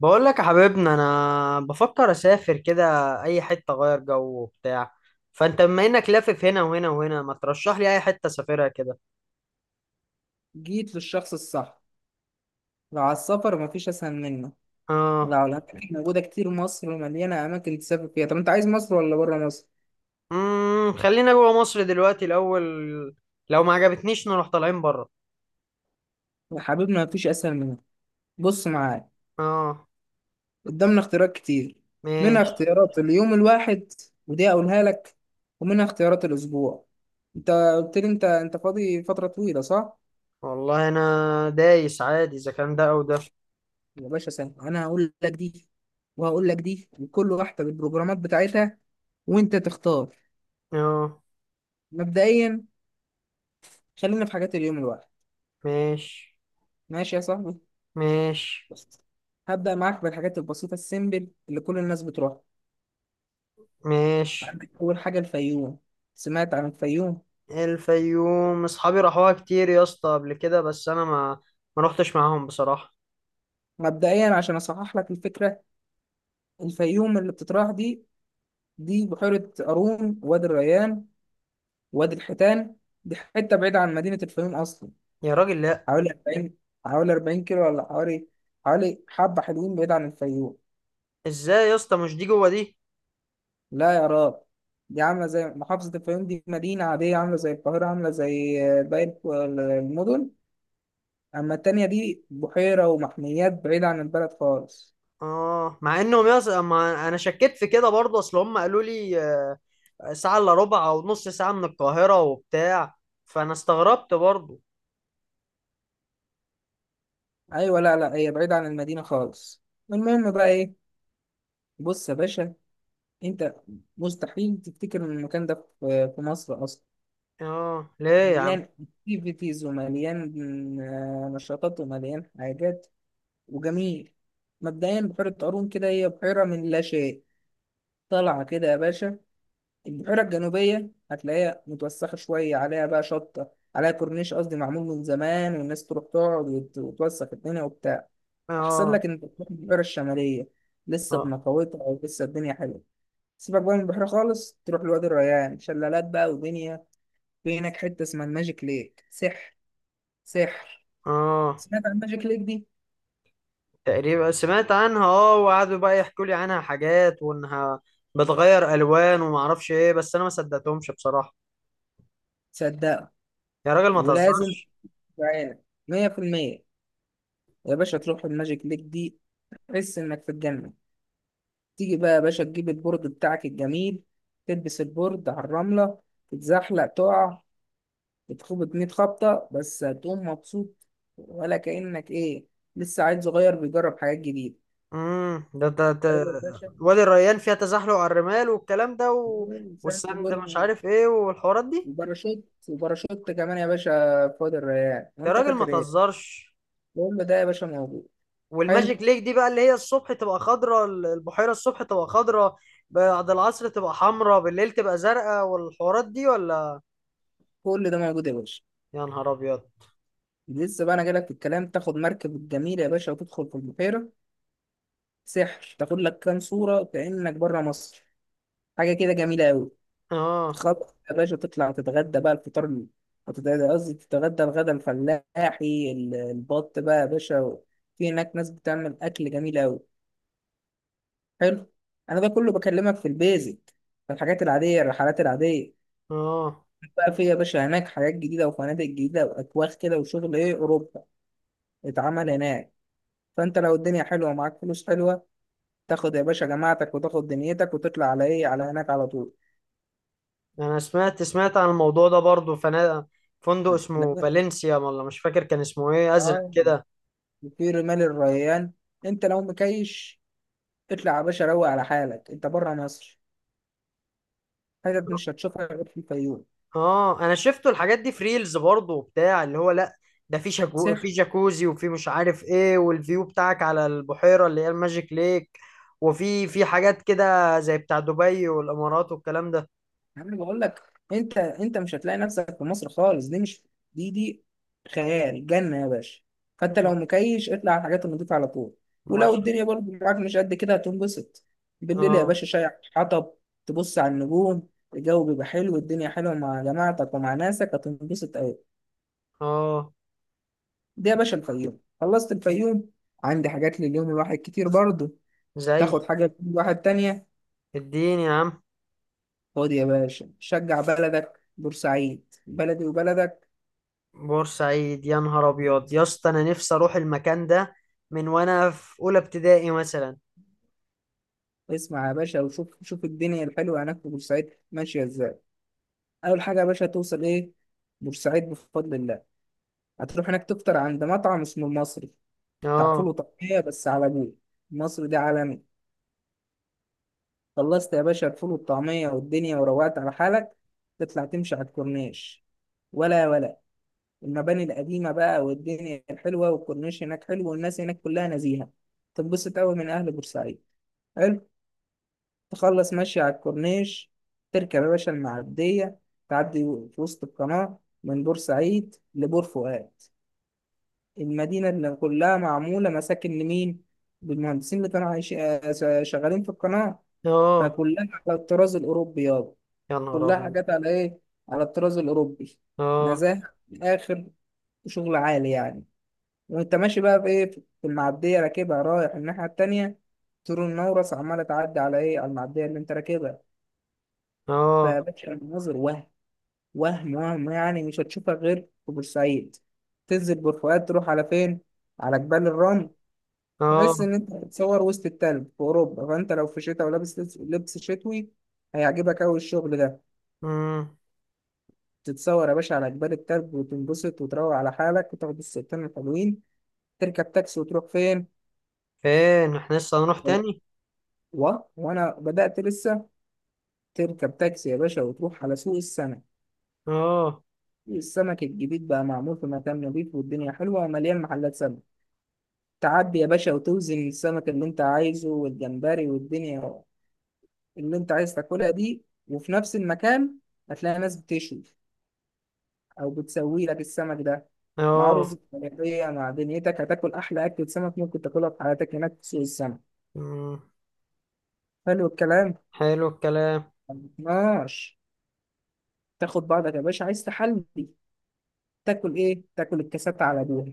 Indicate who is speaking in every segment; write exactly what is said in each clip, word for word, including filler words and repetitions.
Speaker 1: بقول لك يا حبيبنا، انا بفكر اسافر كده، اي حته اغير جو وبتاع. فانت بما انك لافف هنا وهنا وهنا، ما ترشح لي اي حته اسافرها كده؟
Speaker 2: جيت للشخص الصح. لو على السفر مفيش أسهل منه. لو
Speaker 1: اه.
Speaker 2: على الأكل موجودة كتير، مصر مليانة أماكن تسافر فيها. طب أنت عايز مصر ولا برا مصر؟
Speaker 1: امم خلينا جوه مصر دلوقتي الاول، لو ما عجبتنيش نروح طالعين بره.
Speaker 2: يا حبيبنا مفيش أسهل منه. بص معايا،
Speaker 1: اه.
Speaker 2: قدامنا اختيارات كتير. منها
Speaker 1: ماشي.
Speaker 2: اختيارات اليوم الواحد، ودي أقولها لك. ومنها اختيارات الأسبوع. أنت قلت لي أنت أنت فاضي فترة طويلة، صح؟
Speaker 1: والله انا دايس عادي اذا كان ده او ده.
Speaker 2: يا باشا سهل، أنا هقول لك دي وهقول لك دي، وكل واحدة بالبروجرامات بتاعتها وأنت تختار.
Speaker 1: اه.
Speaker 2: مبدئيا، خلينا في حاجات اليوم الواحد.
Speaker 1: ماشي،
Speaker 2: ماشي يا صاحبي؟
Speaker 1: ماشي،
Speaker 2: بس، هبدأ معاك بالحاجات البسيطة السيمبل اللي كل الناس بتروحها.
Speaker 1: ماشي.
Speaker 2: عندك أول حاجة الفيوم. سمعت عن الفيوم.
Speaker 1: الفيوم اصحابي راحوها كتير يا اسطى قبل كده، بس انا ما ما رحتش معاهم بصراحه.
Speaker 2: مبدئيا عشان أصحح لك الفكرة، الفيوم اللي بتتراح دي، دي بحيرة قارون، وادي الريان، وادي الحيتان. دي حتة بعيدة عن مدينة الفيوم أصلا.
Speaker 1: يا راجل، لا.
Speaker 2: حوالي أربعين حوالي أربعين كيلو، ولا حوالي حوالي حبة حلوين بعيد عن الفيوم.
Speaker 1: ازاي يا اسطى، مش دي جوه دي؟
Speaker 2: لا يا راب، دي عاملة زي محافظة الفيوم. دي مدينة عادية عاملة زي القاهرة، عاملة زي باقي المدن. أما التانية دي بحيرة ومحميات بعيدة عن البلد خالص.
Speaker 1: اه، مع انهم يص... ما انا شكيت في كده برضه، اصل هم قالوا لي، آه، ساعه الا ربع او نص ساعه من القاهره وبتاع، فانا استغربت برضه.
Speaker 2: أيوة، لا لا، هي بعيدة عن المدينة خالص. المهم بقى إيه؟ بص يا باشا، أنت مستحيل تفتكر إن المكان ده في في مصر أصلا.
Speaker 1: اه، ليه؟ يا عم.
Speaker 2: مليان أكتيفيتيز ومليان آه، نشاطات ومليان حاجات، وجميل. مبدئيا بحيرة قارون كده هي بحيرة من لا شيء، طالعة كده يا باشا. البحيرة الجنوبية هتلاقيها متوسخة شوية، عليها بقى شطة، عليها كورنيش قصدي معمول من زمان، والناس تروح تقعد وت- وتوسخ الدنيا وبتاع. أحسن
Speaker 1: اه،
Speaker 2: لك إنك تروح البحيرة الشمالية، لسه
Speaker 1: اه،
Speaker 2: بنقاوتها ولسه الدنيا حلوة. سيبك بقى من البحيرة خالص، تروح لوادي الريان، شلالات بقى ودنيا. في هناك حتة اسمها الماجيك ليك، سحر سحر.
Speaker 1: اه.
Speaker 2: سمعت عن الماجيك ليك دي؟
Speaker 1: تقريبا سمعت عنها، اه، وقعدوا بقى يحكوا لي عنها حاجات، وانها بتغير الوان وما اعرفش ايه، بس انا ما صدقتهمش بصراحه.
Speaker 2: صدقها،
Speaker 1: يا راجل، ما
Speaker 2: ولازم،
Speaker 1: تهزرش.
Speaker 2: تعالى، مية في المية يا باشا تروح الماجيك ليك دي، تحس إنك في الجنة. تيجي بقى يا باشا، تجيب البورد بتاعك الجميل، تلبس البورد على الرملة، تتزحلق تقع، بتخبط مية خبطة بس هتقوم مبسوط. ولا كأنك إيه، لسه عيل صغير بيجرب حاجات جديده.
Speaker 1: امم ده ده ده
Speaker 2: أيوة يا باشا.
Speaker 1: وادي الريان فيها تزحلق على الرمال والكلام ده و...
Speaker 2: مم، ساعة
Speaker 1: والسند
Speaker 2: برج،
Speaker 1: مش عارف ايه والحوارات دي.
Speaker 2: وباراشوت وباراشوت كمان يا باشا في وادي الريان،
Speaker 1: يا
Speaker 2: وأنت
Speaker 1: راجل، ما
Speaker 2: فاكر إيه؟
Speaker 1: تهزرش.
Speaker 2: كل ده يا باشا موجود. حلو.
Speaker 1: والماجيك ليك دي بقى، اللي هي الصبح تبقى خضراء، البحيرة الصبح تبقى خضراء، بعد العصر تبقى حمراء، بالليل تبقى زرقاء، والحوارات دي ولا؟
Speaker 2: كل ده موجود يا باشا.
Speaker 1: يا نهار ابيض.
Speaker 2: لسه بقى أنا جايلك في الكلام. تاخد مركب الجميل يا باشا وتدخل في البحيرة سحر، تاخد لك كام صورة كأنك بره مصر. حاجه كده جميله قوي.
Speaker 1: اه،
Speaker 2: خلاص يا باشا تطلع تتغدى بقى. الفطار ال- هتتغدى، قصدي تتغدى الغدا الفلاحي، ال- البط بقى يا باشا. في هناك ناس بتعمل اكل جميل قوي. حلو. انا ده كله بكلمك في البيزك، في الحاجات العاديه، الرحلات العاديه.
Speaker 1: اه.
Speaker 2: بقى في يا باشا هناك حاجات جديده وفنادق جديده واكواخ كده، وشغل ايه، اوروبا اتعمل هناك. فانت لو الدنيا حلوه ومعاك فلوس حلوه، تاخد يا باشا جماعتك وتاخد دنيتك وتطلع على ايه، على هناك على طول.
Speaker 1: انا سمعت سمعت عن الموضوع ده برضو، فنا فندق اسمه
Speaker 2: لا-
Speaker 1: فالنسيا، ولا مش فاكر كان اسمه ايه، ازرق
Speaker 2: اه،
Speaker 1: كده.
Speaker 2: في رمال الريان، انت لو مكيش، اطلع يا باشا روق على حالك، انت بره مصر. حتت مش هتشوفها غير في الفيوم.
Speaker 1: اه. انا شفته الحاجات دي في ريلز برضه وبتاع، اللي هو لا، ده في شاكو، في
Speaker 2: سح.
Speaker 1: جاكوزي، وفي مش عارف ايه، والفيو بتاعك على البحيرة اللي هي الماجيك ليك. وفي في حاجات كده زي بتاع دبي والامارات والكلام ده.
Speaker 2: انا بقول لك، انت انت مش هتلاقي نفسك في مصر خالص. دي مش، دي دي خيال جنة يا باشا. فانت لو مكيش، اطلع على الحاجات النضيفة على طول. ولو
Speaker 1: ماشي.
Speaker 2: الدنيا برضه معاك مش قد كده، هتنبسط. بالليل يا
Speaker 1: اه،
Speaker 2: باشا، شاي، حطب، تبص على النجوم، الجو بيبقى حلو، الدنيا حلوة، مع جماعتك ومع ناسك هتنبسط أوي.
Speaker 1: اه.
Speaker 2: دي يا باشا الفيوم، خلصت الفيوم. عندي حاجات لليوم الواحد كتير برضه،
Speaker 1: زي
Speaker 2: تاخد حاجة لكل واحد تانية.
Speaker 1: الدين يا عم.
Speaker 2: خد يا باشا، شجع بلدك، بورسعيد بلدي وبلدك.
Speaker 1: بورسعيد، يا نهار ابيض يا
Speaker 2: بورسعيد.
Speaker 1: اسطى، انا نفسي اروح المكان ده من وانا في اولى ابتدائي مثلا.
Speaker 2: اسمع يا باشا وشوف، شوف الدنيا الحلوة هناك في بورسعيد ماشية ازاي. أول حاجة يا باشا توصل ايه، بورسعيد بفضل الله. هتروح هناك تفطر عند مطعم اسمه المصري، بتاع فول
Speaker 1: اه.
Speaker 2: وطعمية بس على ابوه. المصري ده عالمي. خلصت يا باشا الفول والطعمية والدنيا، وروقت على حالك، تطلع تمشي على الكورنيش. ولا ولا، المباني القديمة بقى والدنيا الحلوة، والكورنيش هناك حلو، والناس هناك كلها نزيهة، تنبسط أوي من أهل بورسعيد. حلو. تخلص ماشي على الكورنيش، تركب يا باشا المعدية، تعدي في وسط القناة من بورسعيد لبور فؤاد. المدينة اللي كلها معمولة مساكن لمين؟ للمهندسين اللي كانوا عايشين آه، شغالين في القناة.
Speaker 1: اه.
Speaker 2: فكلها على الطراز الأوروبي يابا.
Speaker 1: يا نهار
Speaker 2: كلها
Speaker 1: ابيض.
Speaker 2: حاجات على إيه؟ على الطراز الأوروبي.
Speaker 1: اه،
Speaker 2: نزاهة من الآخر، وشغل عالي يعني. وانت ماشي بقى في ايه، في المعديه راكبها رايح الناحيه التانيه، طول النورس عماله تعدي على ايه، على المعديه اللي انت راكبها.
Speaker 1: اه،
Speaker 2: فيا باشا المناظر، وهم وهم وهم، يعني مش هتشوفها غير في بورسعيد. تنزل بورفؤاد تروح على فين؟ على جبال الرمل. تحس
Speaker 1: اه.
Speaker 2: ان انت بتتصور وسط التلج في اوروبا. فانت لو في شتاء ولابس لبس لبس شتوي، هيعجبك اوي الشغل ده.
Speaker 1: مم.
Speaker 2: تتصور يا باشا على جبال التلج، وتنبسط وتروق على حالك، وتاخد الصورتين الحلوين. تركب تاكسي وتروح فين؟
Speaker 1: فين احنا لسه هنروح
Speaker 2: آه،
Speaker 1: تاني؟
Speaker 2: و... وانا بدأت لسه. تركب تاكسي يا باشا وتروح على سوق السمك.
Speaker 1: اه،
Speaker 2: سوق السمك الجديد بقى معمول في مكان نظيف، والدنيا حلوة ومليان محلات سمك. تعدي يا باشا وتوزن السمك اللي انت عايزه والجمبري والدنيا اللي انت عايز تاكلها دي. وفي نفس المكان هتلاقي ناس بتشوي او بتسوي لك السمك ده مع
Speaker 1: اه.
Speaker 2: رز بلدية، مع دنيتك هتاكل احلى اكلة سمك ممكن تاكلها في حياتك هناك في سوق السمك.
Speaker 1: مم،
Speaker 2: حلو الكلام.
Speaker 1: حلو الكلام.
Speaker 2: ماشي. تاخد بعضك يا باشا، عايز تحلي، تاكل ايه؟ تاكل الكاسات على ابوها.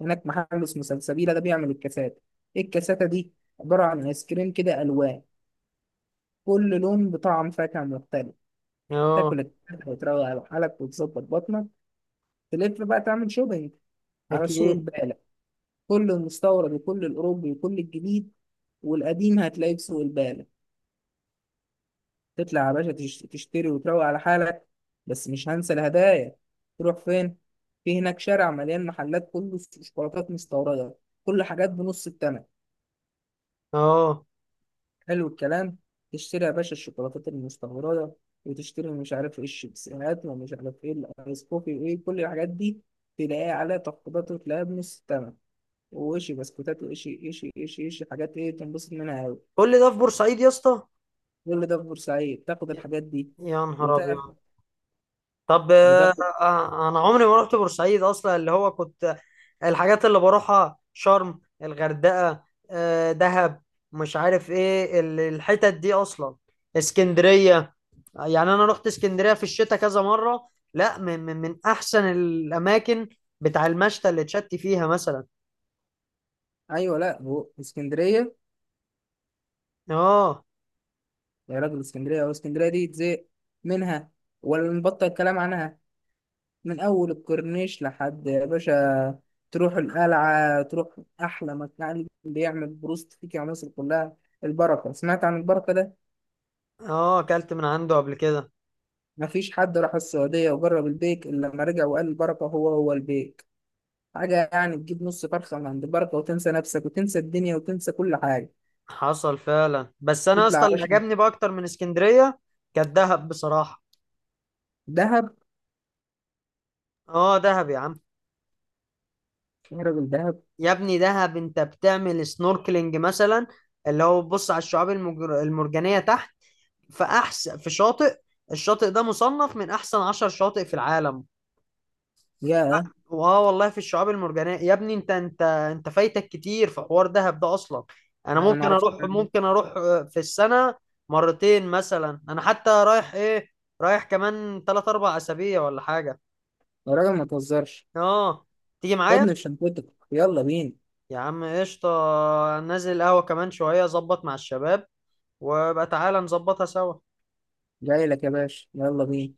Speaker 2: هناك محل اسمه سلسبيلة، ده بيعمل الكاسات. إيه الكاساتة دي؟ عبارة عن آيس كريم كده ألوان، كل لون بطعم فاكهة مختلف.
Speaker 1: اه،
Speaker 2: تاكل الكاسات وتروق على حالك وتظبط بطنك. تلف بقى تعمل شوبينج على سوق
Speaker 1: اكيد،
Speaker 2: البالة. كل المستورد وكل الأوروبي وكل الجديد والقديم هتلاقيه في سوق البالة. تطلع يا باشا تش- تشتري وتروق على حالك. بس مش هنسى الهدايا، تروح فين؟ في هناك شارع مليان محلات، كله شوكولاتات مستوردة، كل حاجات بنص التمن.
Speaker 1: اه.
Speaker 2: حلو الكلام. تشتري يا باشا الشوكولاتات المستورده، وتشتري مش عارف ايه الشيبسيهات، ومش عارف ايه الايس كوفي، وايه كل الحاجات دي، تلاقيها عليها تخفيضات وتلاقيها بنص الثمن. وشي بسكوتات، وشي إشي إشي إشي حاجات، ايه تنبسط منها أوي.
Speaker 1: كل ده في بورسعيد يا اسطى؟
Speaker 2: كل ده في بورسعيد تاخد
Speaker 1: يا
Speaker 2: الحاجات دي.
Speaker 1: يا نهار ابيض.
Speaker 2: وتاخد
Speaker 1: طب، آه.
Speaker 2: وتاخد
Speaker 1: آه، انا عمري ما رحت بورسعيد اصلا، اللي هو كنت، الحاجات اللي بروحها شرم، الغردقة، آه، دهب، مش عارف ايه ال- الحتت دي اصلا، اسكندرية. يعني انا رحت اسكندريه في الشتاء كذا مره، لا، من من, من احسن الاماكن بتاع المشتى اللي اتشت فيها مثلا.
Speaker 2: ايوه، لا، هو اسكندريه.
Speaker 1: اه.
Speaker 2: يا راجل اسكندريه، هو اسكندريه دي تزهق منها، ولا نبطل الكلام عنها. من أول الكورنيش لحد يا باشا تروح القلعة، تروح أحلى مكان بيعمل بروست فيك يا مصر كلها، البركة. سمعت عن البركة ده؟
Speaker 1: اه، اكلت من عنده قبل كده.
Speaker 2: مفيش حد راح السعودية وجرب البيك إلا لما رجع وقال البركة هو هو البيك. حاجة يعني، تجيب نص فرخة من عند البركة وتنسى نفسك وتنسى الدنيا وتنسى كل حاجة.
Speaker 1: حصل فعلا، بس انا
Speaker 2: تطلع
Speaker 1: اصلا
Speaker 2: يا
Speaker 1: اللي
Speaker 2: باشا.
Speaker 1: عجبني بقى اكتر من اسكندريه كانت دهب بصراحه.
Speaker 2: دهب.
Speaker 1: اه، دهب يا عم.
Speaker 2: يا راجل دهب.
Speaker 1: يا ابني دهب، انت بتعمل سنوركلينج مثلا، اللي هو بتبص على الشعاب المجر- المرجانيه تحت، في احسن في شاطئ. الشاطئ ده مصنف من احسن عشر شواطئ في العالم.
Speaker 2: يا
Speaker 1: واه والله، في الشعاب المرجانية يا ابني، انت انت انت فايتك كتير في حوار دهب ده اصلا. انا
Speaker 2: أنا
Speaker 1: ممكن
Speaker 2: معرفش
Speaker 1: اروح
Speaker 2: الكلام ده.
Speaker 1: ممكن اروح آه، في السنة مرتين مثلا. انا حتى رايح ايه، رايح كمان تلات اربع اسابيع ولا حاجة.
Speaker 2: يا راجل ما تهزرش.
Speaker 1: اه، تيجي معايا؟
Speaker 2: خدني في شنطتك، يلا بينا.
Speaker 1: يا عم قشطة. نازل القهوة كمان شوية ظبط مع الشباب، وبقى تعالى نظبطها سوا.
Speaker 2: جاي لك يا باشا، يلا بينا.